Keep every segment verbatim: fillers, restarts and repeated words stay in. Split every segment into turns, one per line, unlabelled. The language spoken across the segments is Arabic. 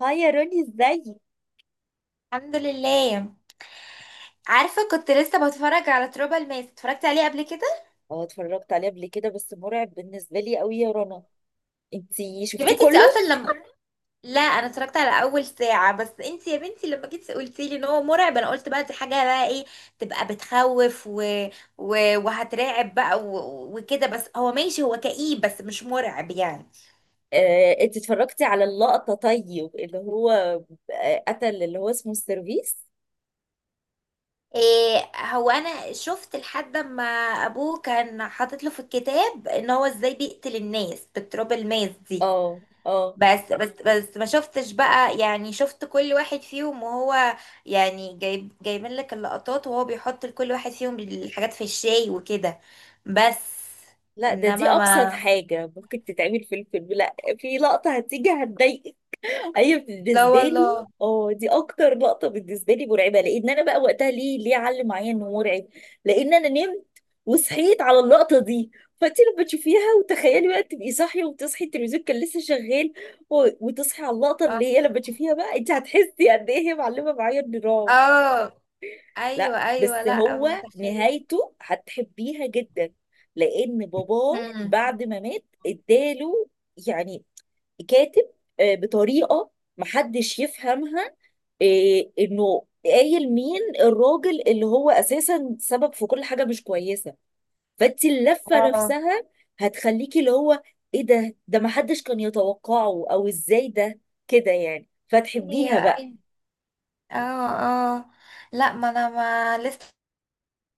هاي يا روني، ازاي؟
الحمد لله. عارفه كنت لسه بتفرج على تروبا الماس، اتفرجت عليه قبل كده.
اه، اتفرجت عليه قبل كده، بس مرعب بالنسبة لي قوي يا رنا. انتي
يا
شفتيه
بنتي انت اصلا
كله؟
لما لا، انا اتفرجت على اول ساعه. بس انت يا بنتي لما جيتي قلتي لي ان هو مرعب، انا قلت بقى دي حاجه بقى ايه؟ تبقى بتخوف و... و... وهترعب بقى و... وكده. بس هو ماشي، هو كئيب بس مش مرعب يعني.
آه، انت اتفرجتي على اللقطة؟ طيب اللي هو آه، قتل اللي هو اسمه السيرفيس.
إيه هو انا شفت لحد ما ابوه كان حاطط له في الكتاب ان هو ازاي بيقتل الناس بالتروبا الماس دي.
اه، اه،
بس بس بس ما شفتش بقى، يعني شفت كل واحد فيهم وهو يعني جايب جايبين لك اللقطات، وهو بيحط لكل واحد فيهم الحاجات في الشاي وكده. بس.
لا، ده دي
انما
ابسط
ما
حاجة ممكن تتعمل في الفيلم، لا في لقطة هتيجي هتضايقك. ايوه،
لا
بالنسبه لي،
والله.
اه دي اكتر لقطه بالنسبه لي مرعبه، لان انا بقى وقتها ليه ليه علم معايا انه مرعب. لان انا نمت وصحيت على اللقطه دي، فانت لما تشوفيها وتخيلي بقى تبقي صاحيه وتصحي، التلفزيون كان لسه شغال، و- وتصحي على اللقطه
اه.
اللي هي، لما تشوفيها بقى انت هتحسي قد ايه هي معلمه معايا النظام.
آه. ايوه،
لا
ايوه،
بس
لا
هو
متخيل.
نهايته هتحبيها جدا، لان باباه
امم.
بعد ما مات اداله، يعني كاتب آه، بطريقه محدش يفهمها، آه، انه قايل مين الراجل اللي هو اساسا سبب في كل حاجه مش كويسه. فانت اللفه
اه.
نفسها هتخليكي اللي هو ايه ده، ده محدش كان يتوقعه او ازاي ده كده يعني،
ايوه،
فتحبيها بقى.
ايوه. اه. اه. لا، ما انا ما لسه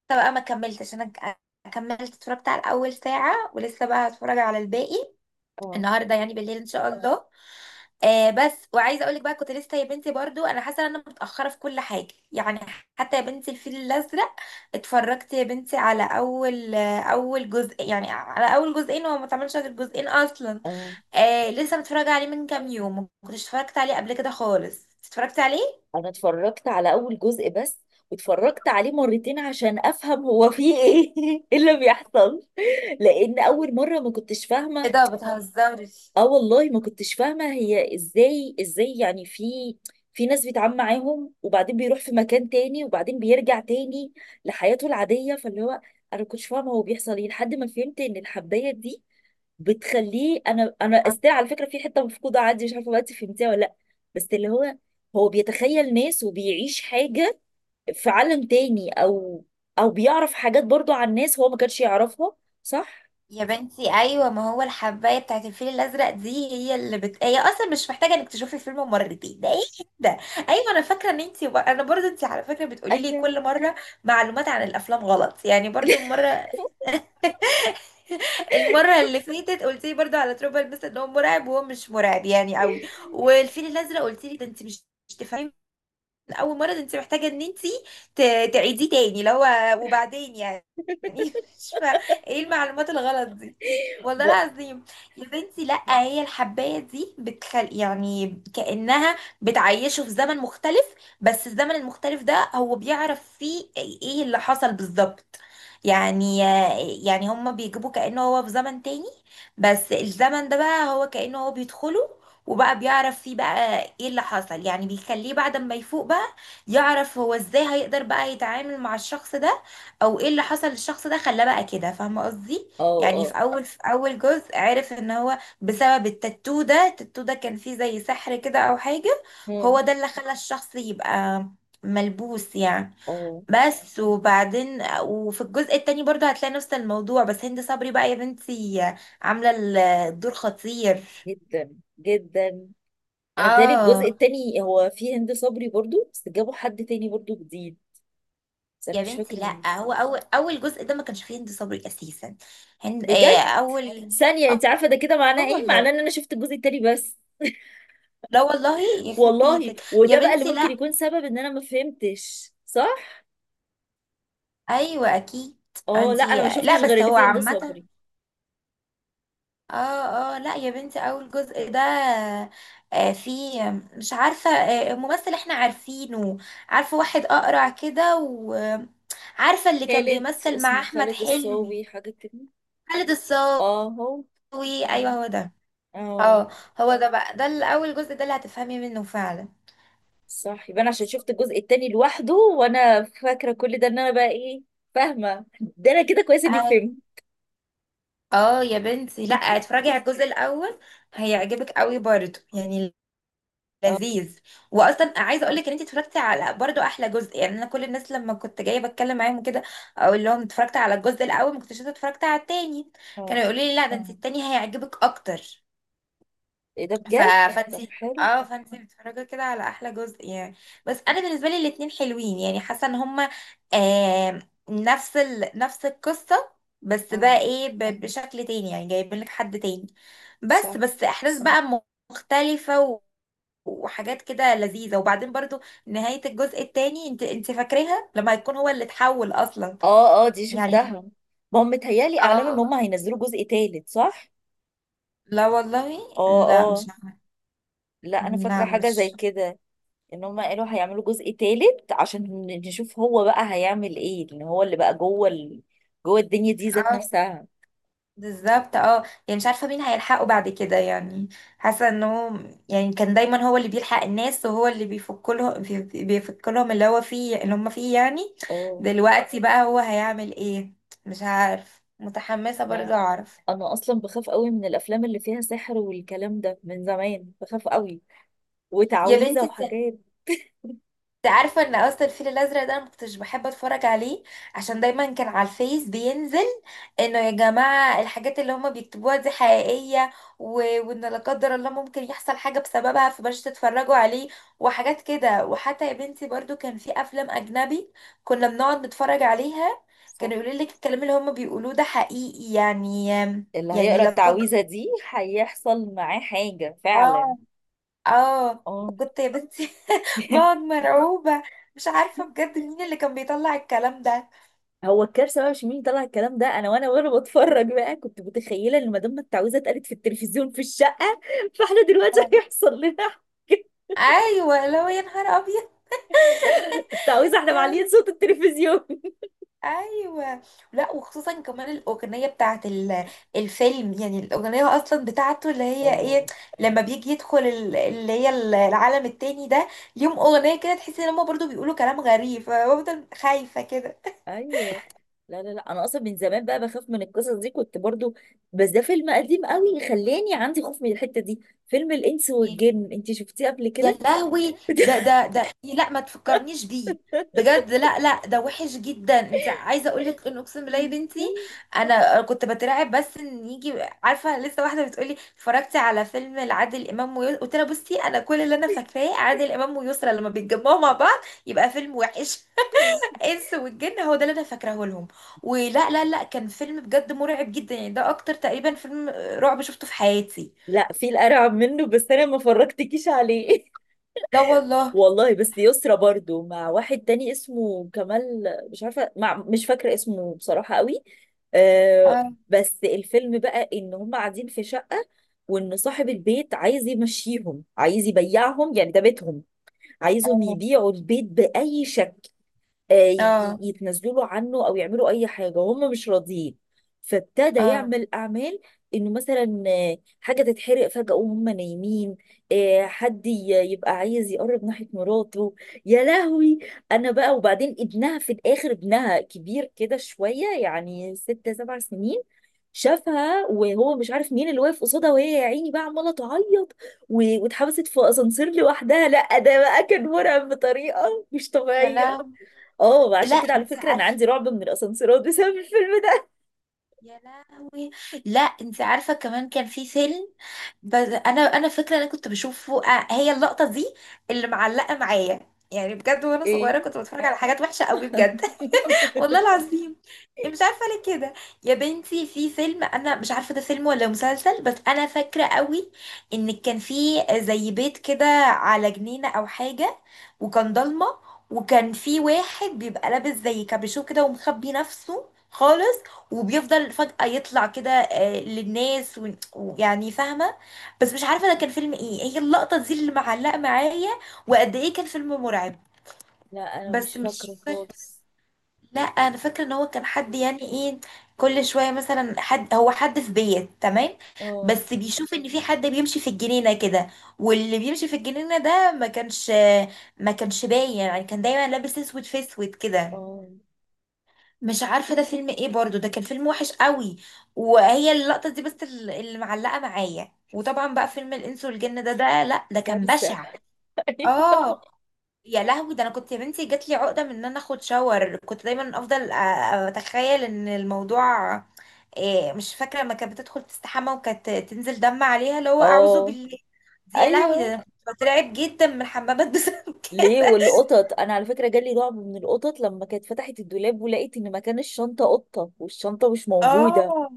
بقى ما كملتش انا ك- كملت، اتفرجت على اول ساعة ولسه بقى هتفرج على الباقي
اه،
النهارده، يعني بالليل ان شاء الله. آه بس وعايزه اقول لك بقى، كنت لسه يا بنتي برضو انا حاسه ان انا متاخره في كل حاجه يعني. حتى يا بنتي الفيل الازرق اتفرجت يا بنتي على اول آه، اول جزء، يعني على اول جزئين، هو ما اتعملش غير جزئين اصلا.
اه،
آه لسه متفرجه عليه من كام يوم، ما كنتش اتفرجت عليه قبل كده خالص، اتفرجت عليه.
انا اتفرجت على اول جزء بس، واتفرجت عليه مرتين عشان افهم هو فيه ايه، إيه اللي بيحصل، لان اول مره ما كنتش
ايه
فاهمه.
ده، بتهزرش؟
اه والله ما كنتش فاهمة هي ازاي، ازاي يعني في في ناس بيتعامل معاهم، وبعدين بيروح في مكان تاني، وبعدين بيرجع تاني لحياته العادية، فاللي هو انا ما كنتش فاهمة هو بيحصل ايه، لحد ما فهمت ان الحباية دي بتخليه. انا انا استاذ على فكرة في حتة مفقودة عندي، مش عارفة بقى انت فهمتيها ولا لا، بس اللي هو هو بيتخيل ناس وبيعيش حاجة في عالم تاني، او او بيعرف حاجات برضو عن ناس هو ما كانش يعرفها، صح؟
يا بنتي ايوه، ما هو الحبايه بتاعت الفيل الازرق دي هي اللي بت... هي اصلا مش محتاجه انك تشوفي الفيلم مرتين، ده ايه ده؟ ايوه انا فاكره ان انت، انا برضو انت على فكره بتقولي لي
ايوه.
كل مره معلومات عن الافلام غلط يعني، برضو المره المره اللي فاتت قلت لي برضو على تروبل مثلا ان هو مرعب وهو مش مرعب يعني قوي. والفيل الازرق قلت لي ده انت مش مش تفهمي اول مره، ده انت محتاجه ان انت ت- تعيديه تاني لو وبعدين يعني. مش فا ايه المعلومات الغلط دي؟ والله
بقى.
العظيم. يا بنتي لا، هي الحبايه دي بتخل يعني كانها بتعيشه في زمن مختلف، بس الزمن المختلف ده هو بيعرف فيه ايه اللي حصل بالظبط. يعني يعني هما بيجيبوا كأنه هو في زمن تاني، بس الزمن ده بقى هو كأنه هو بيدخله وبقى بيعرف فيه بقى ايه اللي حصل، يعني بيخليه بعد ما يفوق بقى يعرف هو ازاي هيقدر بقى يتعامل مع الشخص ده او ايه اللي حصل للشخص ده خلاه بقى كده، فاهمه قصدي؟
اه،
يعني في
اه،
اول في اول جزء عرف ان هو بسبب التاتو ده، التاتو ده كان فيه زي سحر كده او حاجه،
مم.
هو ده اللي خلى الشخص يبقى ملبوس يعني.
اه،
بس وبعدين وفي الجزء التاني برضو هتلاقي نفس الموضوع، بس هند صبري بقى يا بنتي عامله الدور خطير.
جدا جدا. انا بتهيألي الجزء
اه
التاني هو فيه هند صبري برضو، بس جابوا حد تاني برضو جديد، بس انا
يا
مش
بنتي
فاكره مين.
لا، هو اول اول جزء ده ما كانش فيه هند صبري اساسا. هند آه
بجد؟
اول
ثانيه،
اه.
انت عارفه ده كده
آه
معناه ايه؟ معناه
والله.
ان انا شفت الجزء التاني بس.
لا والله. يخرب
والله،
بيتك يا
وده بقى اللي
بنتي،
ممكن
لا.
يكون سبب ان انا ما فهمتش صح.
ايوه اكيد.
اه، لا
انتي
انا ما
لا،
شفتش غير
بس
اللي
هو
فيه هند
عامه.
صبري.
اه. اه. لا يا بنتي، اول جزء ده آه فيه، مش عارفه، آه ممثل احنا عارفينه، عارفه واحد اقرع كده، وعارفه اللي كان
خالد،
بيمثل مع
اسمه
احمد
خالد
حلمي.
الصاوي حاجه كده.
خالد الصاوي.
اه، هو.
ايوه هو ده. اه.
اه،
هو ده بقى، ده الاول جزء ده اللي هتفهمي منه فعلا.
صح، يبقى انا عشان شفت الجزء التاني لوحده، وانا فاكره كل ده، ان انا بقى ايه فاهمه ده. انا كده كويس اني
اه.
فهمت.
آه يا بنتي لا، اتفرجي على الجزء الاول، هيعجبك قوي برضه يعني،
اه،
لذيذ. واصلا عايزه اقول لك ان انت اتفرجتي على برضه احلى جزء، يعني انا كل الناس لما كنت جايه بتكلم معاهم كده اقول لهم اتفرجت على الجزء الاول ما كنتش لسه اتفرجت على التاني، كانوا
اه،
يقولوا لي لا ده انت، آه. التاني هيعجبك اكتر.
ايه ده،
ف...
بجد؟ طب
فانتي.
حلو.
اه، فانتي بتتفرجي كده على احلى جزء يعني. بس انا بالنسبه لي الاتنين حلوين، يعني حاسه ان هما آه نفس ال... نفس القصه، بس بقى
اه،
ايه ب... بشكل تاني، يعني جايبين لك حد تاني، بس
صح.
بس احداث بقى م- مختلفه و... وحاجات كده لذيذه، وبعدين برضو نهايه الجزء التاني، انت انت فاكراها لما هيكون هو اللي اتحول اصلا
اه، اه، دي
يعني.
شفتها. ما هم متهيألي اعلنوا ان
اه.
هم هينزلوا جزء تالت، صح؟
لا والله.
اه،
لا،
اه،
مش عارفة.
لا انا فاكره
لا
حاجه زي
مش
كده، ان هم قالوا هيعملوا جزء تالت عشان نشوف هو بقى هيعمل ايه، لان هو اللي بقى جوه ال... جوه الدنيا دي ذات
اه،
نفسها.
بالظبط، اه. يعني مش عارفة مين هيلحقه بعد كده يعني، حاسة انه يعني كان دايما هو اللي بيلحق الناس وهو اللي بيفك لهم بيفك لهم اللي هو فيه اللي هم فيه يعني،
اه،
دلوقتي بقى هو هيعمل ايه؟ مش عارف، متحمسة
لا
برضه اعرف.
انا اصلا بخاف قوي من الافلام اللي فيها سحر والكلام ده، من زمان بخاف قوي
يا
وتعويذه
بنتي
وحاجات.
انت عارفه ان اصلا الفيل الازرق ده انا مكنتش بحب اتفرج عليه، عشان دايما كان على الفيس بينزل انه يا جماعه الحاجات اللي هما بيكتبوها دي حقيقيه و... وان لا قدر الله ممكن يحصل حاجه بسببها، فبلاش تتفرجوا عليه وحاجات كده. وحتى يا بنتي برضو كان في افلام اجنبي كنا بنقعد نتفرج عليها،
صح،
كانوا يقولوا لك الكلام اللي هما بيقولوه ده حقيقي يعني
اللي هيقرا
يعني لا قدر.
التعويذه دي هيحصل معاه حاجه فعلا.
اه. اه.
اه.
كنت يا بنتي بقعد مرعوبة، مش عارفة بجد مين اللي كان بيطلع الكلام ده.
هو الكارثه بقى مش مين طلع الكلام ده، انا وانا وانا بتفرج بقى كنت متخيله ان ما دام التعويذه اتقالت في التلفزيون في الشقه، فاحنا دلوقتي
آه.
هيحصل لنا حاجة.
ايوه لو، يا نهار ابيض. يا
التعويذه احنا
بنتي.
معليين صوت التلفزيون.
ايوه، لا وخصوصا كمان الاغنيه بتاعت ال- الفيلم، يعني الاغنيه اصلا بتاعته اللي هي ايه،
اه،
لما بيجي يدخل ال- اللي هي ال- العالم التاني ده، ليهم اغنيه كده تحسي ان هم برضو بيقولوا كلام غريب فبفضل خايفه كده.
ايوه. لا، لا، لا، انا اصلا من زمان بقى بخاف من القصص دي، كنت برضو، بس ده فيلم قديم قوي خلاني عندي خوف من الحتة دي. فيلم الانس والجن، انت شفتيه قبل
يا
كده؟
لهوي. ده ده ده إيه، لا، ما تفكرنيش بيه، بجد لا، لا، ده وحش جدا. انت عايزه اقول لك ان اقسم بالله يا بنتي انا كنت بترعب، بس ان يجي، عارفه لسه واحده بتقولي اتفرجتي على فيلم لعادل امام ويسرا، قلت لها بصي انا كل اللي انا فاكراه عادل امام ويسرا لما بيتجمعوا مع بعض يبقى فيلم وحش. انس والجن هو ده اللي انا فاكراه لهم. ولا لا لا، كان فيلم بجد مرعب جدا يعني، ده اكتر تقريبا فيلم رعب شفته في حياتي.
لا في الارعب منه، بس انا ما فرجتكيش عليه.
لا والله.
والله، بس يسرا برضو مع واحد تاني اسمه كمال، مش عارفه مع مش فاكره اسمه بصراحه قوي، آه
اه.
بس الفيلم بقى ان هم قاعدين في شقه، وان صاحب البيت عايز يمشيهم، عايز يبيعهم، يعني ده بيتهم، عايزهم
اه.
يبيعوا البيت بأي شكل، آه، ي- ي-
اه.
يتنازلوا له عنه أو يعملوا أي حاجة، هم مش راضيين. فابتدى
اه.
يعمل أعمال، إنه مثلا آه، حاجة تتحرق فجأة وهم نايمين، آه، حد ي- يبقى عايز يقرب ناحية مراته. يا لهوي، أنا بقى. وبعدين ابنها في الآخر، ابنها كبير كده شوية، يعني ست سبع سنين، شافها وهو مش عارف مين اللي واقف قصادها، وهي يا عيني بقى عماله تعيط، و- واتحبست في اسانسير لوحدها. لا، ده بقى كان مرعب بطريقه مش
يا
طبيعيه.
لهوي.
اه،
لا
عشان كده على
انت
فكره انا
عارفه.
عندي رعب من الاسانسيرات بسبب الفيلم ده.
يا لهوي. لا انت عارفه، كمان كان في فيلم، بس انا انا فاكره انا كنت بشوفه، آه، هي اللقطه دي اللي معلقه معايا يعني بجد، وانا صغيره
ايه؟
كنت بتفرج على حاجات وحشه قوي بجد، والله العظيم. إيه، مش عارفه ليه كده. يا بنتي في فيلم، انا مش عارفه ده فيلم ولا مسلسل، بس انا فاكره قوي ان كان في زي بيت كده على جنينه او حاجه، وكان ضلمه، وكان في واحد بيبقى لابس زي كابيشو كده ومخبي نفسه خالص، وبيفضل فجأة يطلع كده آه، للناس و- ويعني فاهمة، بس مش عارفة ده كان فيلم ايه، هي اللقطة دي اللي معلقة معايا، وقد ايه كان فيلم مرعب.
لا انا
بس
مش فاكره
مش
خالص.
لا، انا فاكره ان هو كان حد يعني ايه، كل شويه مثلا حد هو حد في بيت تمام،
اه،
بس بيشوف ان في حد بيمشي في الجنينه كده، واللي بيمشي في الجنينه ده ما كانش ما كانش باين، يعني كان دايما لابس اسود في اسود كده.
اه،
مش عارفه ده فيلم ايه برضو، ده كان فيلم وحش قوي. وهي اللقطه دي بس ال- اللي معلقه معايا، وطبعا بقى فيلم الانس والجن ده ده، لا، ده كان
كارثه.
بشع. اه. يا لهوي. ده انا كنت يا بنتي جات لي عقده من ان انا اخد شاور، كنت دايما افضل أ- اتخيل ان الموضوع، إيه، مش فاكره لما كانت بتدخل تستحمى وكانت تنزل دم عليها اللي هو اعوذ
اه،
بالله دي. يا لهوي، ده
ايوه،
انا كنت بترعب جدا من الحمامات بسبب
ليه؟
كده.
والقطط، انا على فكره جالي رعب من القطط لما كانت فتحت الدولاب، ولقيت ان مكان الشنطه قطه والشنطه مش موجوده
اه.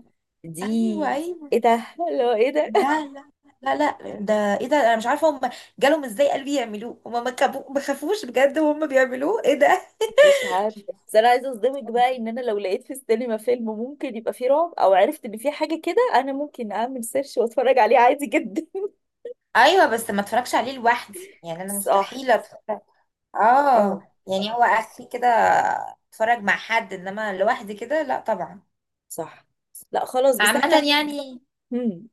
دي.
ايوه، ايوه.
ايه ده، لو ايه ده؟
لا، لا، لا، لا، ده ايه ده؟ انا مش عارفه هم جالهم ازاي قلبي يعملوه، هم ما كبو- ما خافوش بجد وهم بيعملوه، ايه ده؟
مش عارف. بس انا عايزه اصدمك بقى ان انا لو لقيت في السينما فيلم ممكن يبقى فيه رعب، او عرفت ان فيه حاجه كده، انا ممكن اعمل سيرش واتفرج عليه عادي جدا.
ايوه، بس ما اتفرجش عليه لوحدي يعني، انا
صح.
مستحيل اتفرج.
اه،
اه، يعني هو اخري كده اتفرج مع حد انما لوحدي كده لا طبعا.
صح. لا خلاص، بس
عامة
احنا
يعني.
هم،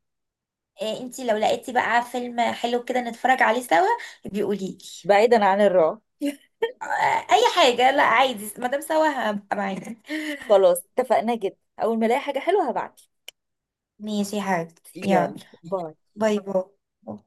إيه انتي لو لقيتي بقى فيلم حلو كده نتفرج عليه سوا، بيقوليلي.
بعيدا عن الرعب.
آه، اي حاجة لا عادي، ما دام سوا هبقى معاكي.
خلاص، اتفقنا جدا، اول ما الاقي حاجه حلوه هبعتلك.
ماشي يا حبيبتي، يلا.
يلا، باي.
باي باي.